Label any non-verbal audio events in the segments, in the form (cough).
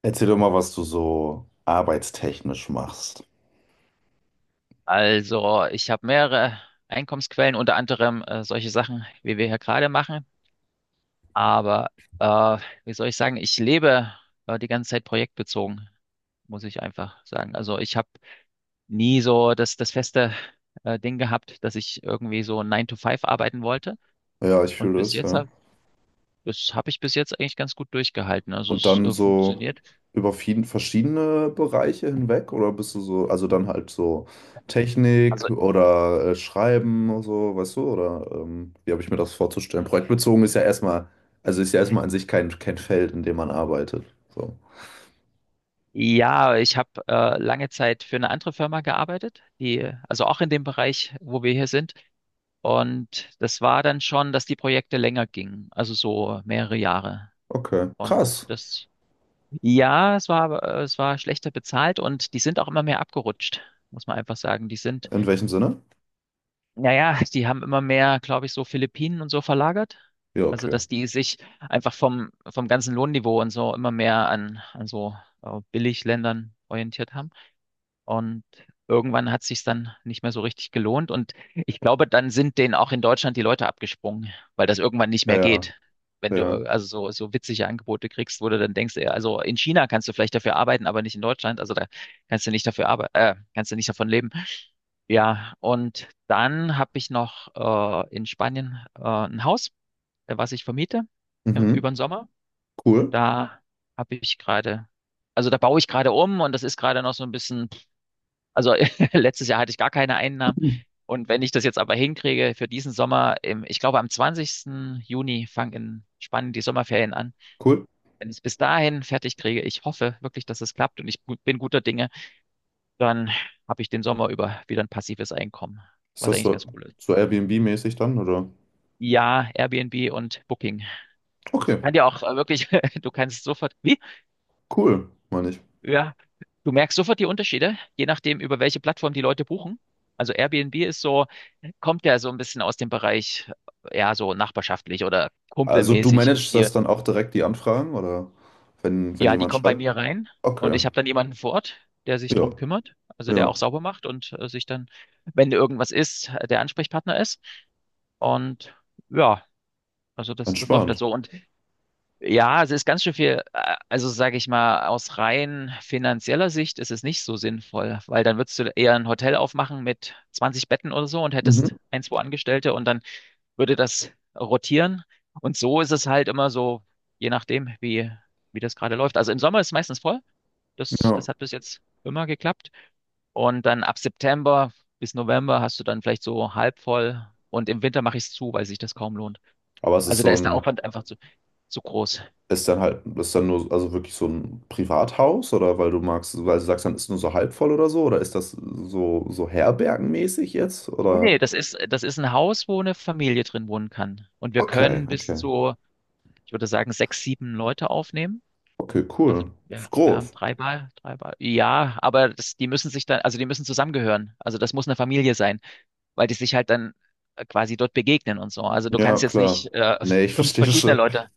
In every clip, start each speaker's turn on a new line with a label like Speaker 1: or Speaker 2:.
Speaker 1: Erzähl doch mal, was du so arbeitstechnisch machst.
Speaker 2: Also, ich habe mehrere Einkommensquellen, unter anderem solche Sachen, wie wir hier gerade machen. Aber äh, wie soll ich sagen, ich lebe die ganze Zeit projektbezogen, muss ich einfach sagen. Also ich habe nie so das feste Ding gehabt, dass ich irgendwie so Nine to Five arbeiten wollte.
Speaker 1: Ja, ich
Speaker 2: Und
Speaker 1: fühle
Speaker 2: bis
Speaker 1: es,
Speaker 2: jetzt
Speaker 1: ja.
Speaker 2: hab, Das habe ich bis jetzt eigentlich ganz gut durchgehalten. Also
Speaker 1: Und
Speaker 2: es
Speaker 1: dann so
Speaker 2: funktioniert.
Speaker 1: über verschiedene Bereiche hinweg oder bist du so, also dann halt so Technik
Speaker 2: Also
Speaker 1: oder Schreiben oder so, weißt du, oder wie habe ich mir das vorzustellen? Projektbezogen ist ja erstmal, also ist ja erstmal an sich kein Feld, in dem man arbeitet. So.
Speaker 2: ja, ich habe lange Zeit für eine andere Firma gearbeitet, die also auch in dem Bereich, wo wir hier sind. Und das war dann schon, dass die Projekte länger gingen, also so mehrere Jahre.
Speaker 1: Okay, krass.
Speaker 2: Und das, ja, es war schlechter bezahlt und die sind auch immer mehr abgerutscht, muss man einfach sagen.
Speaker 1: In welchem Sinne?
Speaker 2: Naja, (laughs) die haben immer mehr, glaube ich, so Philippinen und so verlagert.
Speaker 1: Ja,
Speaker 2: Also,
Speaker 1: okay.
Speaker 2: dass die sich einfach vom ganzen Lohnniveau und so immer mehr an so Billigländern orientiert haben. Und irgendwann hat sich's dann nicht mehr so richtig gelohnt. Und ich glaube, dann sind denen auch in Deutschland die Leute abgesprungen, weil das irgendwann nicht
Speaker 1: Ja,
Speaker 2: mehr
Speaker 1: ja,
Speaker 2: geht. Wenn du
Speaker 1: ja.
Speaker 2: also so witzige Angebote kriegst, wo du dann denkst, ey, also in China kannst du vielleicht dafür arbeiten, aber nicht in Deutschland. Also da kannst du nicht dafür arbeiten, kannst du nicht davon leben. Ja, und dann habe ich noch in Spanien ein Haus, was ich vermiete
Speaker 1: Mhm.
Speaker 2: über den Sommer.
Speaker 1: Cool.
Speaker 2: Da habe ich gerade, Also da baue ich gerade um und das ist gerade noch so ein bisschen. Also (laughs) letztes Jahr hatte ich gar keine Einnahmen. Und wenn ich das jetzt aber hinkriege für diesen Sommer, ich glaube am 20. Juni fangen in Spanien die Sommerferien an.
Speaker 1: Cool.
Speaker 2: Wenn ich es bis dahin fertig kriege, ich hoffe wirklich, dass es klappt und ich bin guter Dinge, dann habe ich den Sommer über wieder ein passives Einkommen,
Speaker 1: Ist
Speaker 2: was
Speaker 1: das
Speaker 2: eigentlich
Speaker 1: so,
Speaker 2: ganz cool ist.
Speaker 1: so Airbnb-mäßig dann, oder?
Speaker 2: Ja, Airbnb und Booking. Ich
Speaker 1: Okay,
Speaker 2: kann dir auch wirklich, (laughs) du kannst sofort, wie?
Speaker 1: cool, meine ich.
Speaker 2: Ja, du merkst sofort die Unterschiede, je nachdem, über welche Plattform die Leute buchen. Also Airbnb ist so, kommt ja so ein bisschen aus dem Bereich, ja, so nachbarschaftlich oder
Speaker 1: Also du
Speaker 2: kumpelmäßig und
Speaker 1: managst das
Speaker 2: hier,
Speaker 1: dann auch direkt, die Anfragen, oder wenn
Speaker 2: ja, die
Speaker 1: jemand
Speaker 2: kommen bei
Speaker 1: schreibt?
Speaker 2: mir rein und
Speaker 1: Okay,
Speaker 2: ich habe dann jemanden vor Ort, der sich
Speaker 1: ja,
Speaker 2: drum kümmert, also
Speaker 1: ja,
Speaker 2: der auch sauber macht und sich dann, wenn irgendwas ist, der Ansprechpartner ist. Und ja, also das läuft dann
Speaker 1: entspannt.
Speaker 2: so. Und ja, es ist ganz schön viel, also sage ich mal, aus rein finanzieller Sicht ist es nicht so sinnvoll, weil dann würdest du eher ein Hotel aufmachen mit 20 Betten oder so und
Speaker 1: Mhm,
Speaker 2: hättest ein, zwei Angestellte und dann würde das rotieren. Und so ist es halt immer so, je nachdem, wie das gerade läuft. Also im Sommer ist es meistens voll. Das,
Speaker 1: ja.
Speaker 2: das hat bis jetzt immer geklappt. Und dann ab September bis November hast du dann vielleicht so halb voll. Und im Winter mache ich es zu, weil sich das kaum lohnt.
Speaker 1: Aber es ist
Speaker 2: Also da
Speaker 1: so
Speaker 2: ist der
Speaker 1: ein,
Speaker 2: Aufwand einfach zu groß.
Speaker 1: ist dann halt, ist dann nur, also wirklich so ein Privathaus, oder weil du magst, weil du sagst, dann ist nur so halb voll oder so, oder ist das so, herbergenmäßig jetzt,
Speaker 2: Nee,
Speaker 1: oder?
Speaker 2: nee, das ist ein Haus, wo eine Familie drin wohnen kann. Und wir
Speaker 1: Okay,
Speaker 2: können bis
Speaker 1: okay,
Speaker 2: zu, ich würde sagen, sechs, sieben Leute aufnehmen.
Speaker 1: okay,
Speaker 2: Also
Speaker 1: cool.
Speaker 2: wir,
Speaker 1: Ist
Speaker 2: wir haben
Speaker 1: groß.
Speaker 2: drei Bar, drei Bar. Ja, aber die müssen sich dann, also die müssen zusammengehören. Also das muss eine Familie sein, weil die sich halt dann quasi dort begegnen und so. Also du
Speaker 1: Ja,
Speaker 2: kannst jetzt
Speaker 1: klar.
Speaker 2: nicht
Speaker 1: Nee, ich
Speaker 2: fünf
Speaker 1: verstehe
Speaker 2: verschiedene
Speaker 1: schon.
Speaker 2: Leute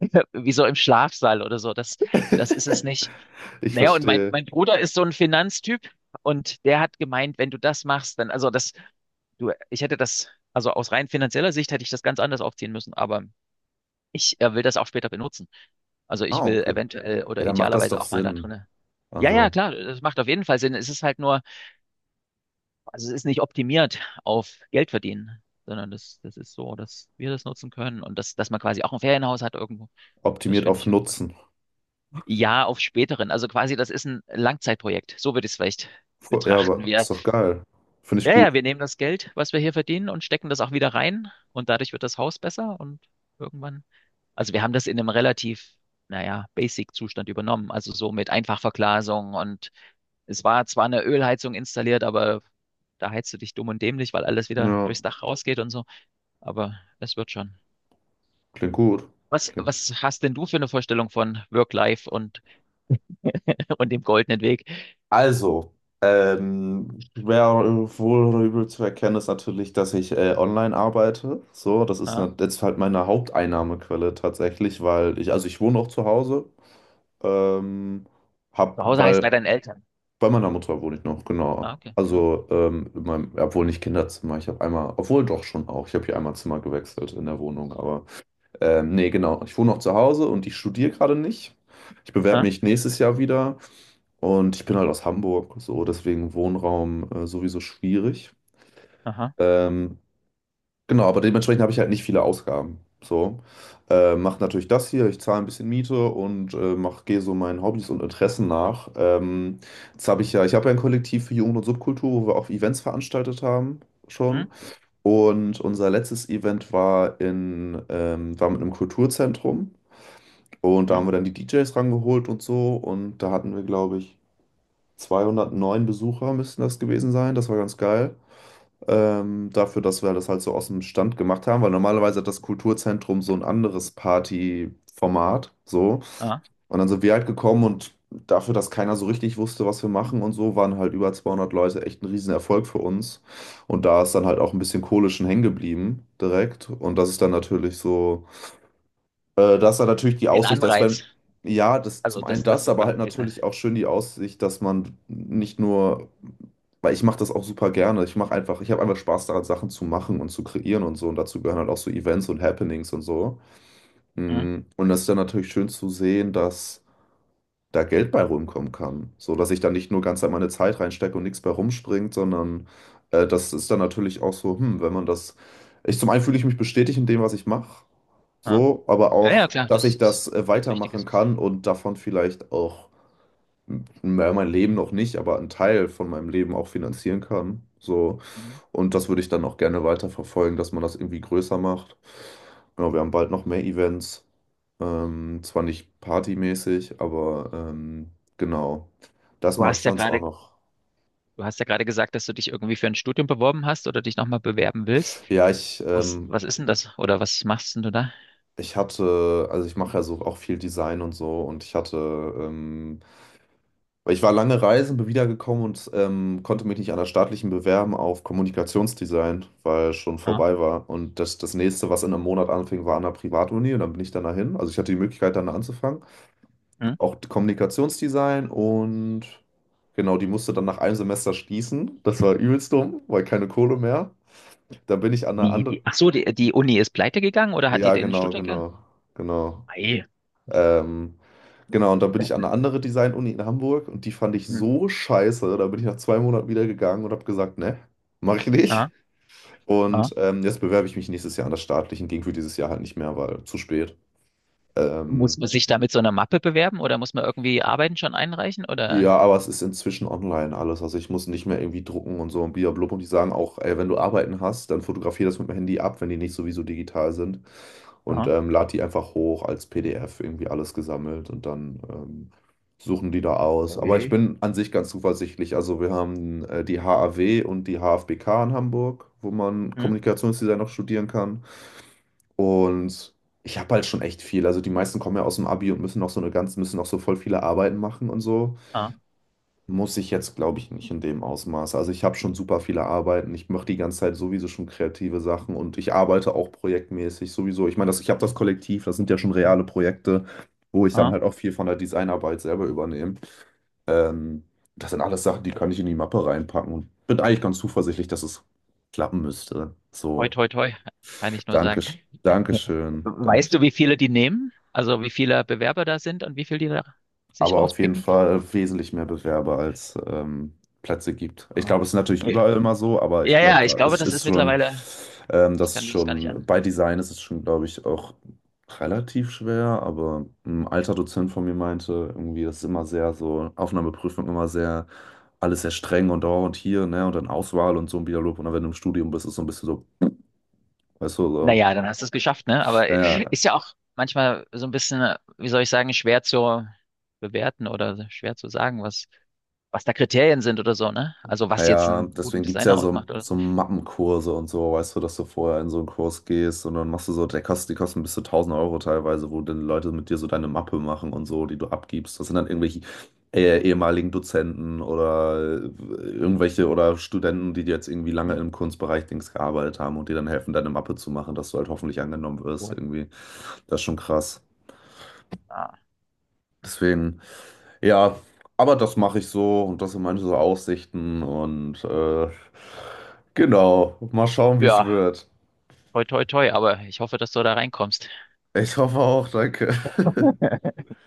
Speaker 2: (laughs) wie so im Schlafsaal oder so. Das,
Speaker 1: (laughs)
Speaker 2: das ist es nicht.
Speaker 1: Ich
Speaker 2: Naja, und mein,
Speaker 1: verstehe.
Speaker 2: mein Bruder ist so ein Finanztyp und der hat gemeint, wenn du das machst, dann, also das, du, ich hätte das, also aus rein finanzieller Sicht hätte ich das ganz anders aufziehen müssen, aber ich will das auch später benutzen. Also ich
Speaker 1: Ah,
Speaker 2: will
Speaker 1: okay.
Speaker 2: eventuell
Speaker 1: Ja,
Speaker 2: oder
Speaker 1: dann macht das doch
Speaker 2: idealerweise auch mal da
Speaker 1: Sinn.
Speaker 2: drinne. Ja,
Speaker 1: Also
Speaker 2: ja, klar, das macht auf jeden Fall Sinn. Es ist halt nur, also es ist nicht optimiert auf Geld verdienen, sondern das ist so, dass wir das nutzen können und dass man quasi auch ein Ferienhaus hat irgendwo. Das
Speaker 1: optimiert
Speaker 2: finde
Speaker 1: auf
Speaker 2: ich schon cool.
Speaker 1: Nutzen.
Speaker 2: Ja, auf späteren. Also quasi, das ist ein Langzeitprojekt. So würde ich es vielleicht
Speaker 1: Ja,
Speaker 2: betrachten.
Speaker 1: aber ist doch geil. Finde ich
Speaker 2: Ja,
Speaker 1: gut.
Speaker 2: ja, wir nehmen das Geld, was wir hier verdienen und stecken das auch wieder rein und dadurch wird das Haus besser und irgendwann. Also wir haben das in einem relativ, naja, Basic-Zustand übernommen. Also so mit Einfachverglasung und es war zwar eine Ölheizung installiert, aber da heizt du dich dumm und dämlich, weil alles wieder
Speaker 1: Ja,
Speaker 2: durchs Dach rausgeht und so. Aber es wird schon.
Speaker 1: klingt gut.
Speaker 2: Was,
Speaker 1: Klingt.
Speaker 2: was hast denn du für eine Vorstellung von Work-Life und, (laughs) und dem goldenen Weg?
Speaker 1: Also, schwer wohl oder übel zu erkennen ist natürlich, dass ich online arbeite. So, das ist
Speaker 2: Ha?
Speaker 1: jetzt halt meine Haupteinnahmequelle tatsächlich, weil ich, also ich wohne auch zu Hause. Ähm, hab,
Speaker 2: Zu Hause heißt bei
Speaker 1: weil
Speaker 2: deinen Eltern.
Speaker 1: Bei meiner Mutter wohne ich noch,
Speaker 2: Ah,
Speaker 1: genau.
Speaker 2: okay. Hm?
Speaker 1: Also, in meinem, obwohl nicht Kinderzimmer. Ich habe einmal, obwohl doch schon auch. Ich habe hier einmal Zimmer gewechselt in der Wohnung. Aber nee, genau. Ich wohne noch zu Hause und ich studiere gerade nicht. Ich bewerbe
Speaker 2: Ah,
Speaker 1: mich nächstes Jahr wieder und ich bin halt aus Hamburg. So, deswegen Wohnraum sowieso schwierig.
Speaker 2: aha.
Speaker 1: Ähm, Genau, aber dementsprechend habe ich halt nicht viele Ausgaben. So, mache natürlich das hier, ich zahle ein bisschen Miete und gehe so meinen Hobbys und Interessen nach. Jetzt habe ich ja, ich habe ja ein Kollektiv für Jugend und Subkultur, wo wir auch Events veranstaltet haben
Speaker 2: Hm?
Speaker 1: schon. Und unser letztes Event war war mit einem Kulturzentrum und da
Speaker 2: Hm?
Speaker 1: haben wir dann die DJs rangeholt und so und da hatten wir, glaube ich, 209 Besucher müssten das gewesen sein. Das war ganz geil. Dafür, dass wir das halt so aus dem Stand gemacht haben, weil normalerweise hat das Kulturzentrum so ein anderes Partyformat, so.
Speaker 2: Ah.
Speaker 1: Und dann sind wir halt gekommen und dafür, dass keiner so richtig wusste, was wir machen und so, waren halt über 200 Leute echt ein Riesenerfolg für uns. Und da ist dann halt auch ein bisschen Kohle schon hängen geblieben direkt. Und das ist dann natürlich so. Das war natürlich die
Speaker 2: Ein
Speaker 1: Aussicht, dass wenn,
Speaker 2: Anreiz.
Speaker 1: ja, das
Speaker 2: Also,
Speaker 1: zum einen
Speaker 2: dass
Speaker 1: das,
Speaker 2: du
Speaker 1: aber halt
Speaker 2: quasi da.
Speaker 1: natürlich auch schön die Aussicht, dass man nicht nur, weil ich mache das auch super gerne. Ich mache einfach, ich habe einfach Spaß daran, Sachen zu machen und zu kreieren und so. Und dazu gehören halt auch so Events und Happenings und so.
Speaker 2: Hm?
Speaker 1: Und das ist dann natürlich schön zu sehen, dass da Geld bei rumkommen kann. So, dass ich da nicht nur ganz an meine Zeit reinstecke und nichts bei rumspringt, sondern das ist dann natürlich auch so, wenn man das. Ich zum einen fühle ich mich bestätigt in dem, was ich mache.
Speaker 2: Ah.
Speaker 1: So, aber
Speaker 2: Ja, ja,
Speaker 1: auch,
Speaker 2: klar,
Speaker 1: dass
Speaker 2: das
Speaker 1: ich
Speaker 2: ist
Speaker 1: das
Speaker 2: ganz
Speaker 1: weitermachen
Speaker 2: Wichtiges.
Speaker 1: kann und davon vielleicht auch, naja, mein Leben noch nicht, aber einen Teil von meinem Leben auch finanzieren kann. So,
Speaker 2: Hm.
Speaker 1: und das würde ich dann auch gerne weiterverfolgen, dass man das irgendwie größer macht. Ja, wir haben bald noch mehr Events. Zwar nicht partymäßig, aber genau. Das
Speaker 2: Du
Speaker 1: mache ich
Speaker 2: hast ja
Speaker 1: sonst auch
Speaker 2: gerade,
Speaker 1: noch.
Speaker 2: du hast ja gerade gesagt, dass du dich irgendwie für ein Studium beworben hast oder dich nochmal bewerben willst.
Speaker 1: Ja, ich,
Speaker 2: Was,
Speaker 1: ähm,
Speaker 2: was ist denn das? Oder was machst denn du da?
Speaker 1: also ich mache ja so auch viel Design und so und ich hatte ähm, weil ich war lange reisen, bin wiedergekommen und konnte mich nicht an der staatlichen bewerben auf Kommunikationsdesign, weil schon
Speaker 2: Ah.
Speaker 1: vorbei war. Und das nächste, was in einem Monat anfing, war an der Privatuni und dann bin ich dann dahin. Also ich hatte die Möglichkeit, dann anzufangen.
Speaker 2: Hm?
Speaker 1: Auch Kommunikationsdesign und genau, die musste dann nach einem Semester schließen. Das war übelst dumm, weil keine Kohle mehr. Da bin ich an der anderen.
Speaker 2: Ach so, die Uni ist pleite gegangen oder hat die
Speaker 1: Ja,
Speaker 2: den
Speaker 1: genau,
Speaker 2: Studiengang?
Speaker 1: genau, genau.
Speaker 2: Ei.
Speaker 1: Ähm, genau, und dann bin ich an eine andere Design-Uni in Hamburg und die fand ich
Speaker 2: Hm.
Speaker 1: so scheiße. Da bin ich nach 2 Monaten wieder gegangen und habe gesagt, ne, mache ich
Speaker 2: Ah,
Speaker 1: nicht.
Speaker 2: ah.
Speaker 1: Und jetzt bewerbe ich mich nächstes Jahr an das Staatliche. Ging für dieses Jahr halt nicht mehr, weil zu spät.
Speaker 2: Muss
Speaker 1: Ähm,
Speaker 2: man sich da mit so einer Mappe bewerben oder muss man irgendwie Arbeiten schon einreichen
Speaker 1: Ja,
Speaker 2: oder?
Speaker 1: aber es ist inzwischen online alles. Also ich muss nicht mehr irgendwie drucken und so und blub. Und die sagen auch, ey, wenn du Arbeiten hast, dann fotografier das mit dem Handy ab, wenn die nicht sowieso digital sind. Und lad die einfach hoch als PDF, irgendwie alles gesammelt. Und dann suchen die da aus. Aber ich
Speaker 2: Okay.
Speaker 1: bin an sich ganz zuversichtlich. Also wir haben die HAW und die HFBK in Hamburg, wo man
Speaker 2: Hm?
Speaker 1: Kommunikationsdesign noch studieren kann. Und ich habe halt schon echt viel. Also die meisten kommen ja aus dem Abi und müssen noch so eine ganz, müssen noch so voll viele Arbeiten machen und so.
Speaker 2: Ah,
Speaker 1: Muss ich jetzt, glaube ich, nicht in dem Ausmaß. Also ich habe schon super viele Arbeiten. Ich mache die ganze Zeit sowieso schon kreative Sachen und ich arbeite auch projektmäßig sowieso. Ich meine, ich habe das Kollektiv, das sind ja schon reale Projekte, wo ich dann halt auch
Speaker 2: ah.
Speaker 1: viel von der Designarbeit selber übernehme. Ähm, das sind alles Sachen, die kann ich in die Mappe reinpacken und bin eigentlich ganz zuversichtlich, dass es klappen müsste.
Speaker 2: Toi,
Speaker 1: So,
Speaker 2: toi, toi, kann ich nur
Speaker 1: danke,
Speaker 2: sagen. (laughs)
Speaker 1: Dankeschön, danke.
Speaker 2: Weißt du, wie viele die nehmen? Also wie viele Bewerber da sind und wie viele die da sich
Speaker 1: Aber auf jeden
Speaker 2: rauspicken?
Speaker 1: Fall wesentlich mehr Bewerber als Plätze gibt. Ich
Speaker 2: Ah.
Speaker 1: glaube, es ist natürlich
Speaker 2: Okay.
Speaker 1: überall immer so, aber ich
Speaker 2: Ja,
Speaker 1: glaube,
Speaker 2: ja, ich
Speaker 1: da
Speaker 2: glaube,
Speaker 1: ist,
Speaker 2: das
Speaker 1: ist
Speaker 2: ist
Speaker 1: schon,
Speaker 2: mittlerweile, ich
Speaker 1: das ist
Speaker 2: kann mir das gar nicht
Speaker 1: schon,
Speaker 2: an.
Speaker 1: bei Design ist es schon, glaube ich, auch relativ schwer, aber ein alter Dozent von mir meinte, irgendwie, das ist immer sehr so, Aufnahmeprüfung immer sehr, alles sehr streng und da und hier, ne, und dann Auswahl und so ein Dialog und dann, wenn du im Studium bist, ist so ein bisschen so, weißt du, so,
Speaker 2: Naja, dann hast du es geschafft, ne? Aber
Speaker 1: ja, ja,
Speaker 2: ist ja auch manchmal so ein bisschen, wie soll ich sagen, schwer zu bewerten oder schwer zu sagen, was da Kriterien sind oder so, ne? Also was jetzt
Speaker 1: ja,
Speaker 2: einen guten
Speaker 1: deswegen gibt es ja
Speaker 2: Designer
Speaker 1: so,
Speaker 2: ausmacht oder so.
Speaker 1: so Mappenkurse und so, weißt du, dass du vorher in so einen Kurs gehst und dann machst du so, die kosten bis zu 1.000 Euro teilweise, wo dann Leute mit dir so deine Mappe machen und so, die du abgibst. Das sind dann irgendwelche ehemaligen Dozenten oder irgendwelche oder Studenten, die jetzt irgendwie lange
Speaker 2: Hm?
Speaker 1: im Kunstbereich Dings gearbeitet haben und dir dann helfen, deine Mappe zu machen, dass du halt hoffentlich angenommen wirst
Speaker 2: Cool.
Speaker 1: irgendwie. Das ist schon krass.
Speaker 2: Ah.
Speaker 1: Deswegen. Ja, aber das mache ich so und das sind meine so Aussichten und genau, mal schauen, wie es
Speaker 2: Ja,
Speaker 1: wird.
Speaker 2: toi, toi, toi, aber ich hoffe, dass du da reinkommst.
Speaker 1: Ich hoffe auch, danke.
Speaker 2: (laughs)